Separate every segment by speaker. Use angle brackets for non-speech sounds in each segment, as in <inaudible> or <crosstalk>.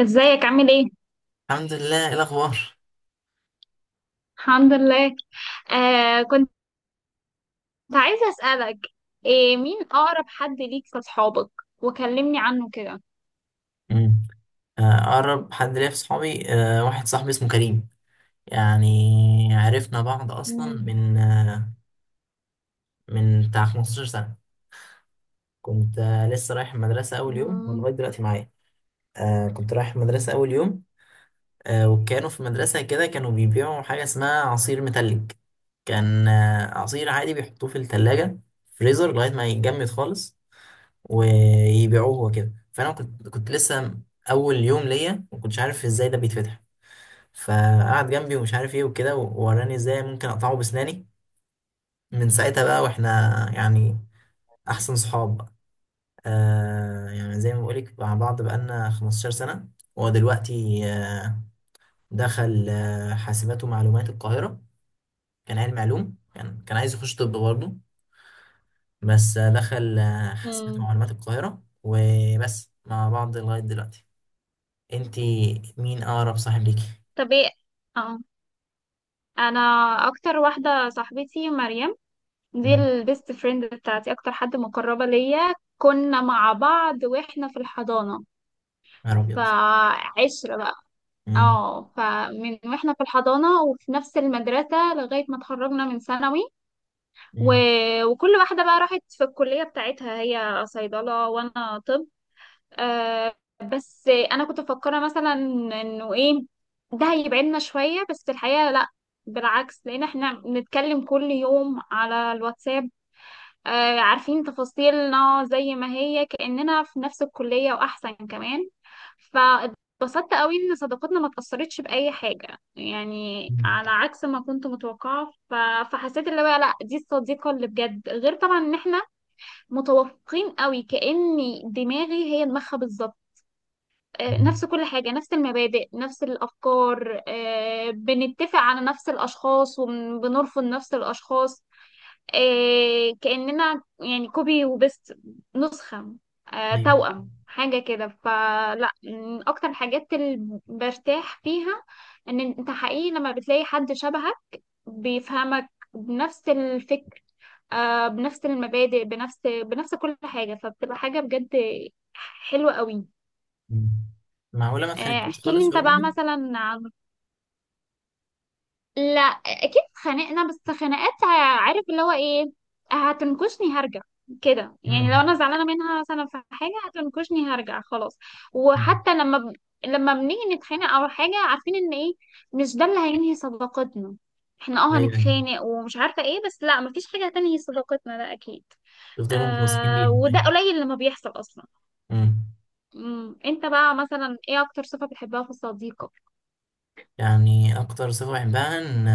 Speaker 1: ازيك عامل ايه؟
Speaker 2: الحمد لله، ايه الاخبار؟
Speaker 1: الحمد لله. كنت عايزة اسألك، إيه مين أقرب حد ليك في أصحابك؟ وكلمني عنه كده.
Speaker 2: مم. اقرب حد ليا في صحابي، واحد صاحبي اسمه كريم. يعني عرفنا بعض اصلا
Speaker 1: مم.
Speaker 2: من بتاع 15 سنه. كنت لسه رايح المدرسه اول يوم
Speaker 1: مم.
Speaker 2: ولغايه دلوقتي معايا. كنت رايح المدرسه اول يوم. وكانوا في المدرسه كده كانوا بيبيعوا حاجه اسمها عصير متلج. كان عصير عادي بيحطوه في التلاجة فريزر لغاية ما يتجمد خالص ويبيعوه وكده. فانا كنت لسه اول يوم ليا، ما كنتش عارف ازاي ده بيتفتح، فقعد جنبي ومش عارف ايه وكده ووراني ازاي ممكن اقطعه بسناني. من ساعتها بقى واحنا يعني احسن صحاب بقى. يعني زي ما بقولك مع بعض بقالنا 15 سنة. هو دلوقتي دخل حاسبات ومعلومات القاهرة. كان علم علوم كان عايز يخش طب برضه، بس دخل حاسبات
Speaker 1: مم.
Speaker 2: ومعلومات القاهرة، وبس مع بعض لغاية دلوقتي. انت، مين اقرب صاحب ليكي؟
Speaker 1: طب ايه؟ اه، أنا أكتر واحدة صاحبتي مريم، دي
Speaker 2: مم.
Speaker 1: البيست فريند بتاعتي، أكتر حد مقربة ليا. كنا مع بعض واحنا في الحضانة،
Speaker 2: يا نهار ابيض!
Speaker 1: فعشرة بقى.
Speaker 2: مم.
Speaker 1: اه، فمن واحنا في الحضانة وفي نفس المدرسة لغاية ما اتخرجنا من ثانوي. و...
Speaker 2: مم.
Speaker 1: وكل واحدة بقى راحت في الكلية بتاعتها، هي صيدلة وأنا طب. آه بس أنا كنت مفكرة مثلا إنه إيه، ده هيبعدنا شوية، بس الحقيقة لأ، بالعكس، لأن إحنا بنتكلم كل يوم على الواتساب. عارفين تفاصيلنا زي ما هي، كأننا في نفس الكلية وأحسن كمان. فاتبسطت قوي إن صداقتنا ما اتأثرتش بأي حاجة، يعني
Speaker 2: مم.
Speaker 1: على عكس ما كنت متوقعة. فحسيت اللي هو لأ، دي الصديقة اللي بجد، غير طبعا إن إحنا متوافقين قوي، كأني دماغي هي دماغها بالظبط.
Speaker 2: مم.
Speaker 1: نفس كل حاجة، نفس المبادئ، نفس الأفكار، بنتفق على نفس الأشخاص وبنرفض نفس الأشخاص. إيه كأننا يعني كوبي وبيست، نسخة،
Speaker 2: ايوه.
Speaker 1: توأم حاجة كده. فلا، من أكتر الحاجات اللي برتاح فيها إن أنت حقيقي لما بتلاقي حد شبهك، بيفهمك بنفس الفكر، بنفس المبادئ، بنفس كل حاجة، فبتبقى حاجة بجد حلوة قوي.
Speaker 2: مم. معقوله ما اتخانقتوش
Speaker 1: احكي لي
Speaker 2: خالص
Speaker 1: أنت
Speaker 2: ولا
Speaker 1: بقى
Speaker 2: مره؟
Speaker 1: مثلا عن، لا اكيد اتخانقنا، بس خناقات، عارف اللي هو ايه، هتنكشني هرجع كده. يعني لو
Speaker 2: مم.
Speaker 1: انا زعلانه منها مثلا في حاجه هتنكشني هرجع خلاص.
Speaker 2: مم.
Speaker 1: وحتى لما ب... لما بنيجي نتخانق او حاجه، عارفين ان ايه مش ده اللي هينهي صداقتنا. احنا اه
Speaker 2: ايوه، ايوه،
Speaker 1: هنتخانق ومش عارفه ايه، بس لا، مفيش حاجه هتنهي صداقتنا ده اكيد.
Speaker 2: تفضلوا متمسكين بيها.
Speaker 1: وده
Speaker 2: ايوه.
Speaker 1: قليل لما بيحصل اصلا.
Speaker 2: مم.
Speaker 1: مم. انت بقى مثلا ايه اكتر صفه بتحبها في صديقك؟
Speaker 2: يعني اكتر صفه بحبها ان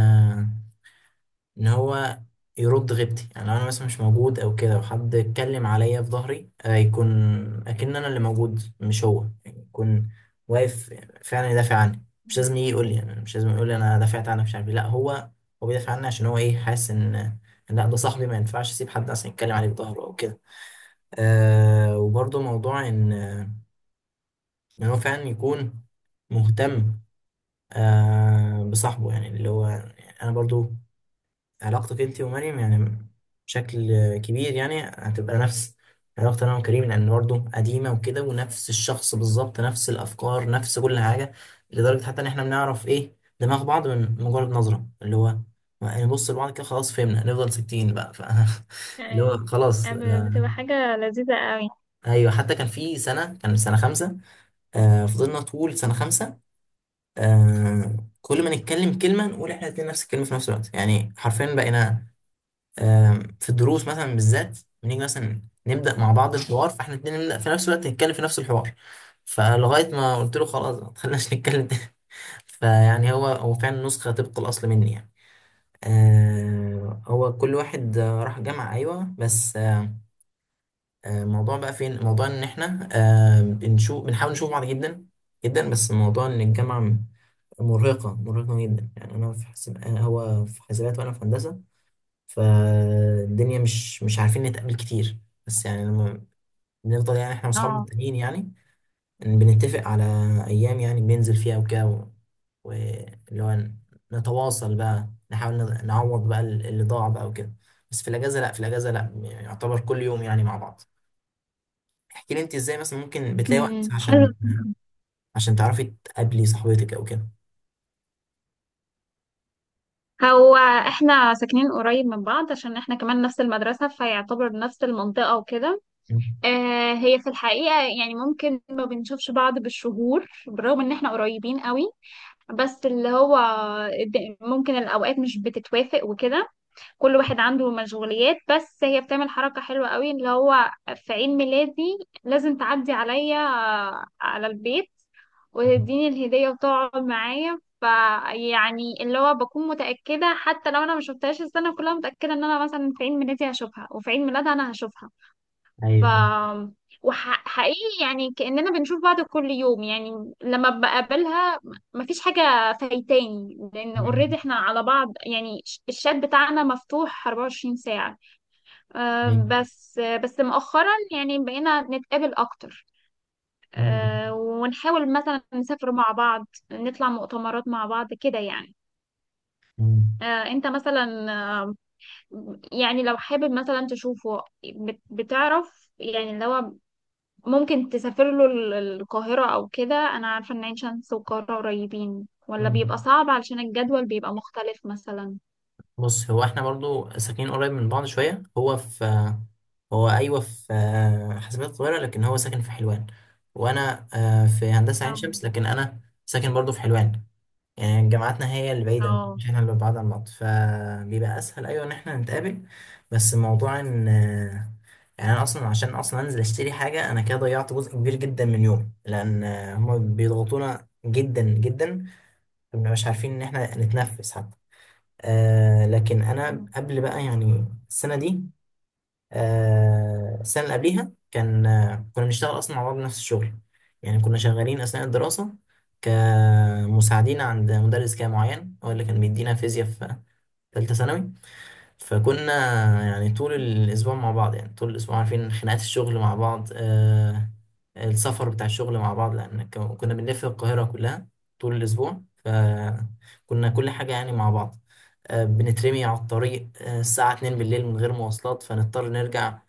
Speaker 2: ان هو يرد غيبتي. يعني لو انا مثلا مش موجود او كده وحد اتكلم عليا في ظهري، يكون اكن انا اللي موجود مش هو، يعني يكون واقف فعلا يدافع عني. مش لازم يجي يقول لي، يعني مش لازم يقول لي انا دافعت عنك مش عارف إيه. لا، هو بيدافع عني عشان هو ايه، حاسس إن لا، ده صاحبي ما ينفعش اسيب حد اصلا يتكلم عليه في ظهره او كده. وبرضه موضوع ان هو فعلا يكون مهتم بصاحبه، يعني اللي هو يعني انا برضو. علاقتك انت ومريم يعني بشكل كبير يعني هتبقى نفس علاقتي انا وكريم، لان برضه قديمه وكده ونفس الشخص بالظبط، نفس الافكار، نفس كل حاجه. لدرجه حتى ان احنا بنعرف ايه دماغ بعض من مجرد نظره، اللي هو يعني نبص لبعض كده خلاص فهمنا، نفضل 60 بقى. <laughs> اللي
Speaker 1: آه،
Speaker 2: هو خلاص،
Speaker 1: بتبقى حاجة لذيذة قوي.
Speaker 2: ايوه. حتى كان سنه خمسه. فضلنا طول سنه خمسه. كل ما نتكلم كلمه نقول احنا الاتنين نفس الكلمه في نفس الوقت، يعني حرفيا بقينا. في الدروس مثلا بالذات بنيجي مثلا نبدا مع بعض الحوار، فاحنا الاتنين نبدا في نفس الوقت نتكلم في نفس الحوار. فلغايه ما قلت له خلاص ما تخليناش نتكلم تاني. <laughs> فيعني هو فعلا نسخه طبق الاصل مني يعني. هو كل واحد راح جامعه، ايوه، بس الموضوع بقى فين، الموضوع ان احنا بنحاول نشوف بعض جدا جدا. بس الموضوع ان الجامعه مرهقه مرهقه جدا، يعني انا في حسب هو في حسابات وانا في هندسه. فالدنيا مش عارفين نتقابل كتير. بس يعني لما بنفضل، يعني احنا واصحابنا
Speaker 1: اه.
Speaker 2: التانيين يعني إن بنتفق على ايام يعني بننزل فيها وكده واللي هو نتواصل بقى، نحاول نعوض بقى اللي ضاع بقى وكده. بس في الاجازه لا، في الاجازه لا، يعتبر كل يوم يعني مع بعض. احكي لي انت ازاي مثلا ممكن بتلاقي وقت
Speaker 1: مم. حلو.
Speaker 2: عشان تعرفي تقابلي صاحبتك او كده.
Speaker 1: هو احنا ساكنين قريب من بعض، عشان احنا كمان نفس المدرسة، فيعتبر نفس المنطقة وكده.
Speaker 2: <laughs> مم.
Speaker 1: هي في الحقيقة، يعني ممكن ما بنشوفش بعض بالشهور، بالرغم ان احنا قريبين قوي. بس اللي هو ممكن الأوقات مش بتتوافق وكده، كل واحد عنده مشغوليات. بس هي بتعمل حركة حلوة قوي، اللي هو في عيد ميلادي لازم تعدي عليا على البيت وتديني الهدية وتقعد معايا. فيعني اللي هو بكون متأكدة حتى لو أنا مشوفتهاش السنة كلها، متأكدة إن أنا مثلا في عيد ميلادي هشوفها وفي عيد ميلادها أنا هشوفها. ف
Speaker 2: ايوه، ايوه.
Speaker 1: وحقيقي يعني كأننا بنشوف بعض كل يوم، يعني لما بقابلها مفيش حاجة فايتاني، لأن
Speaker 2: <laughs> مم.
Speaker 1: اوريدي احنا على بعض، يعني الشات بتاعنا مفتوح 24 ساعة. آه،
Speaker 2: ايوه.
Speaker 1: بس بس مؤخرا يعني بقينا نتقابل أكتر،
Speaker 2: مم.
Speaker 1: ونحاول مثلا نسافر مع بعض، نطلع مؤتمرات مع بعض كده يعني.
Speaker 2: مم.
Speaker 1: انت مثلا آه، يعني لو حابب مثلا تشوفه، بتعرف يعني لو ممكن تسافر له القاهرة أو كده، أنا عارفة إن عين شمس والقاهرة قريبين، ولا بيبقى
Speaker 2: مم.
Speaker 1: صعب علشان الجدول بيبقى مختلف مثلا.
Speaker 2: بص، هو احنا برضو ساكنين قريب من بعض شوية، هو أيوة في حاسبات القاهرة لكن هو ساكن في حلوان. وأنا في هندسة عين
Speaker 1: اه.
Speaker 2: شمس، لكن أنا ساكن برضو في حلوان. يعني جامعاتنا هي اللي بعيدة
Speaker 1: اه.
Speaker 2: مش احنا اللي بعاد عن بعض، فبيبقى أسهل أيوة إن احنا نتقابل. بس موضوع إن يعني أنا أصلا عشان أصلا أنزل أشتري حاجة أنا كده ضيعت جزء كبير جدا من يومي، لأن هما بيضغطونا جدا جدا، مبنبقاش عارفين إن احنا نتنفس حتى. لكن انا
Speaker 1: مم.
Speaker 2: قبل بقى يعني السنه دي، السنه اللي قبليها كان آه كنا بنشتغل اصلا مع بعض نفس الشغل. يعني كنا شغالين اثناء الدراسه كمساعدين عند مدرس كده معين، هو اللي كان بيدينا فيزياء في ثالثه ثانوي. فكنا يعني طول الأسبوع مع بعض، يعني طول الأسبوع عارفين خناقات الشغل مع بعض، السفر بتاع الشغل مع بعض، لأن كنا بنلف القاهرة كلها طول الأسبوع، فكنا كل حاجة يعني مع بعض. بنترمي على الطريق، الساعة 2 بالليل من غير مواصلات، فنضطر نرجع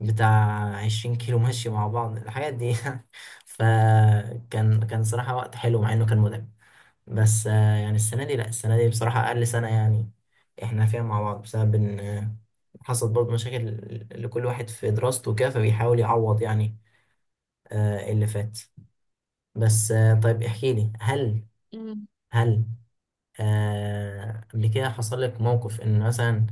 Speaker 2: بتاع 20 كيلو مشي مع بعض، الحاجات دي. <laughs> فكان صراحة وقت حلو مع إنه كان متعب. بس يعني السنة دي، لا، السنة دي بصراحة أقل سنة يعني إحنا فيها مع بعض، بسبب إن حصلت برضه مشاكل لكل واحد في دراسته وكده، فبيحاول يعوض يعني اللي فات. بس طيب احكي لي، هل
Speaker 1: مم.
Speaker 2: هل قبل كده حصل لك موقف إن مثلا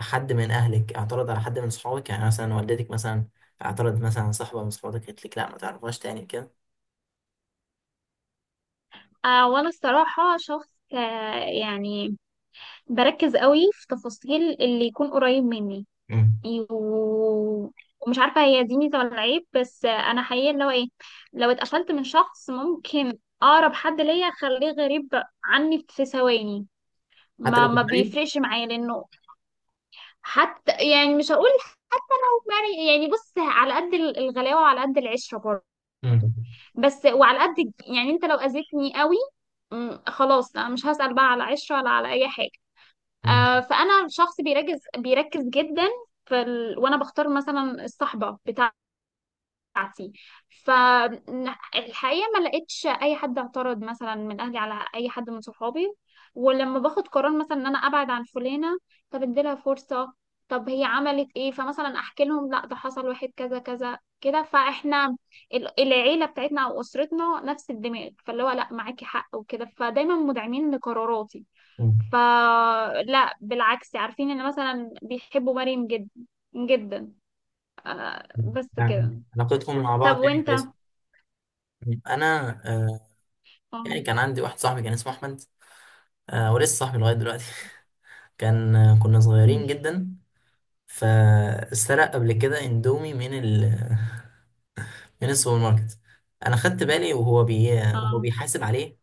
Speaker 2: حد من أهلك اعترض على حد من صحابك، يعني مثلا والدتك مثلا اعترضت مثلا على صاحبة من صحابك، قالت لك لا ما تعرفهاش تاني كده؟
Speaker 1: وأنا الصراحة شخص، آه يعني بركز قوي في تفاصيل اللي يكون قريب مني،
Speaker 2: مم.
Speaker 1: و ومش عارفة هي دي ميزة ولا عيب، بس أنا حقيقة لو إيه، لو اتقفلت من شخص ممكن أقرب حد ليا أخليه غريب عني في ثواني.
Speaker 2: حتى
Speaker 1: ما
Speaker 2: لو
Speaker 1: ما
Speaker 2: كنت مريض.
Speaker 1: بيفرقش معايا لأنه، حتى يعني مش هقول حب، يعني يعني بص على قد الغلاوة وعلى قد العشرة برضه.
Speaker 2: مم.
Speaker 1: بس وعلى قد يعني انت لو اذيتني قوي، خلاص انا مش هسأل بقى على عشرة ولا على اي حاجة.
Speaker 2: مم.
Speaker 1: فانا شخص بيركز بيركز جدا وانا بختار مثلا الصحبة بتاعتي. فالحقيقة ما لقيتش أي حد اعترض مثلا من أهلي على أي حد من صحابي. ولما باخد قرار مثلا إن أنا أبعد عن فلانة، طب اديلها فرصة، طب هي عملت إيه، فمثلا أحكي لهم لا ده حصل واحد كذا كذا كده. فإحنا العيلة بتاعتنا أو أسرتنا نفس الدماغ، فاللي هو لا معاكي حق وكده، فدايما مدعمين لقراراتي.
Speaker 2: مم.
Speaker 1: فلا، بالعكس، عارفين إن مثلا بيحبوا مريم جدا جدا، بس كده.
Speaker 2: يعني علاقتكم مع
Speaker 1: طب
Speaker 2: بعض يعني
Speaker 1: وإنت؟
Speaker 2: كويسة؟ انا
Speaker 1: اه.
Speaker 2: يعني كان عندي واحد صاحبي كان اسمه احمد، ولسه صاحبي لغايه دلوقتي. <laughs> كان آه، كنا صغيرين جدا، فسرق قبل كده اندومي من ال <laughs> من السوبر ماركت. انا خدت بالي، وهو
Speaker 1: اه.
Speaker 2: بيحاسب عليه.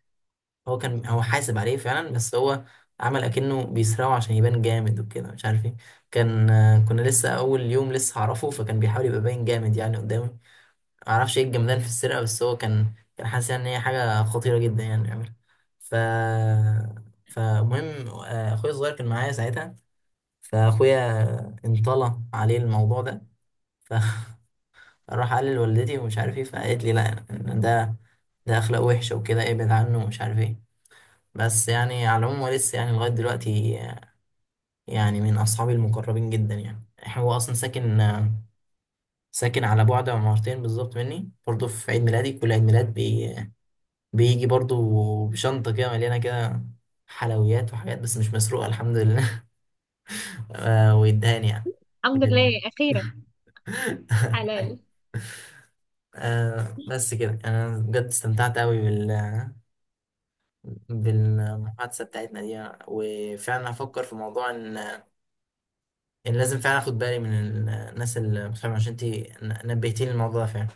Speaker 2: هو حاسب عليه فعلا، بس هو عمل اكنه بيسرقه عشان يبان جامد وكده، مش عارف ايه. كان آه، كنا لسه اول يوم لسه هعرفه، فكان بيحاول يبقى باين جامد يعني قدامي. معرفش ايه الجمدان في السرقة، بس هو كان حاسس يعني ان هي حاجة خطيرة جدا يعني يعملها. ف فمهم، اخويا الصغير كان معايا ساعتها، فاخويا انطلى عليه الموضوع ده، فراح <laughs> قال لوالدتي ومش عارف ايه، فقالت لي لا، ده اخلاق وحشة وكده، ابعد عنه ومش عارف ايه. بس يعني على العموم هو لسه يعني لغاية دلوقتي يعني من اصحابي المقربين جدا، يعني هو اصلا ساكن على بعد عمارتين بالظبط مني. برضه في عيد ميلادي كل عيد ميلاد بيجي برضو بشنطة كده مليانة كده حلويات وحاجات، بس مش مسروقة، الحمد لله. <laughs> ويدهاني يعني
Speaker 1: الحمد لله
Speaker 2: بجد.
Speaker 1: اخيرا.
Speaker 2: <laughs>
Speaker 1: حلال.
Speaker 2: بس كده أنا بجد استمتعت أوي بالمحادثة بتاعتنا دي، وفعلا هفكر في موضوع إن لازم فعلا أخد بالي من الناس اللي مش فاهمة، عشان أنت نبهتيني الموضوع ده فعلا.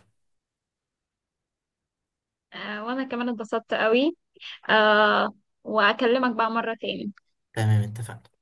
Speaker 1: وانا كمان اتبسطت قوي، آه واكلمك بقى مرة تاني.
Speaker 2: تمام، اتفقنا.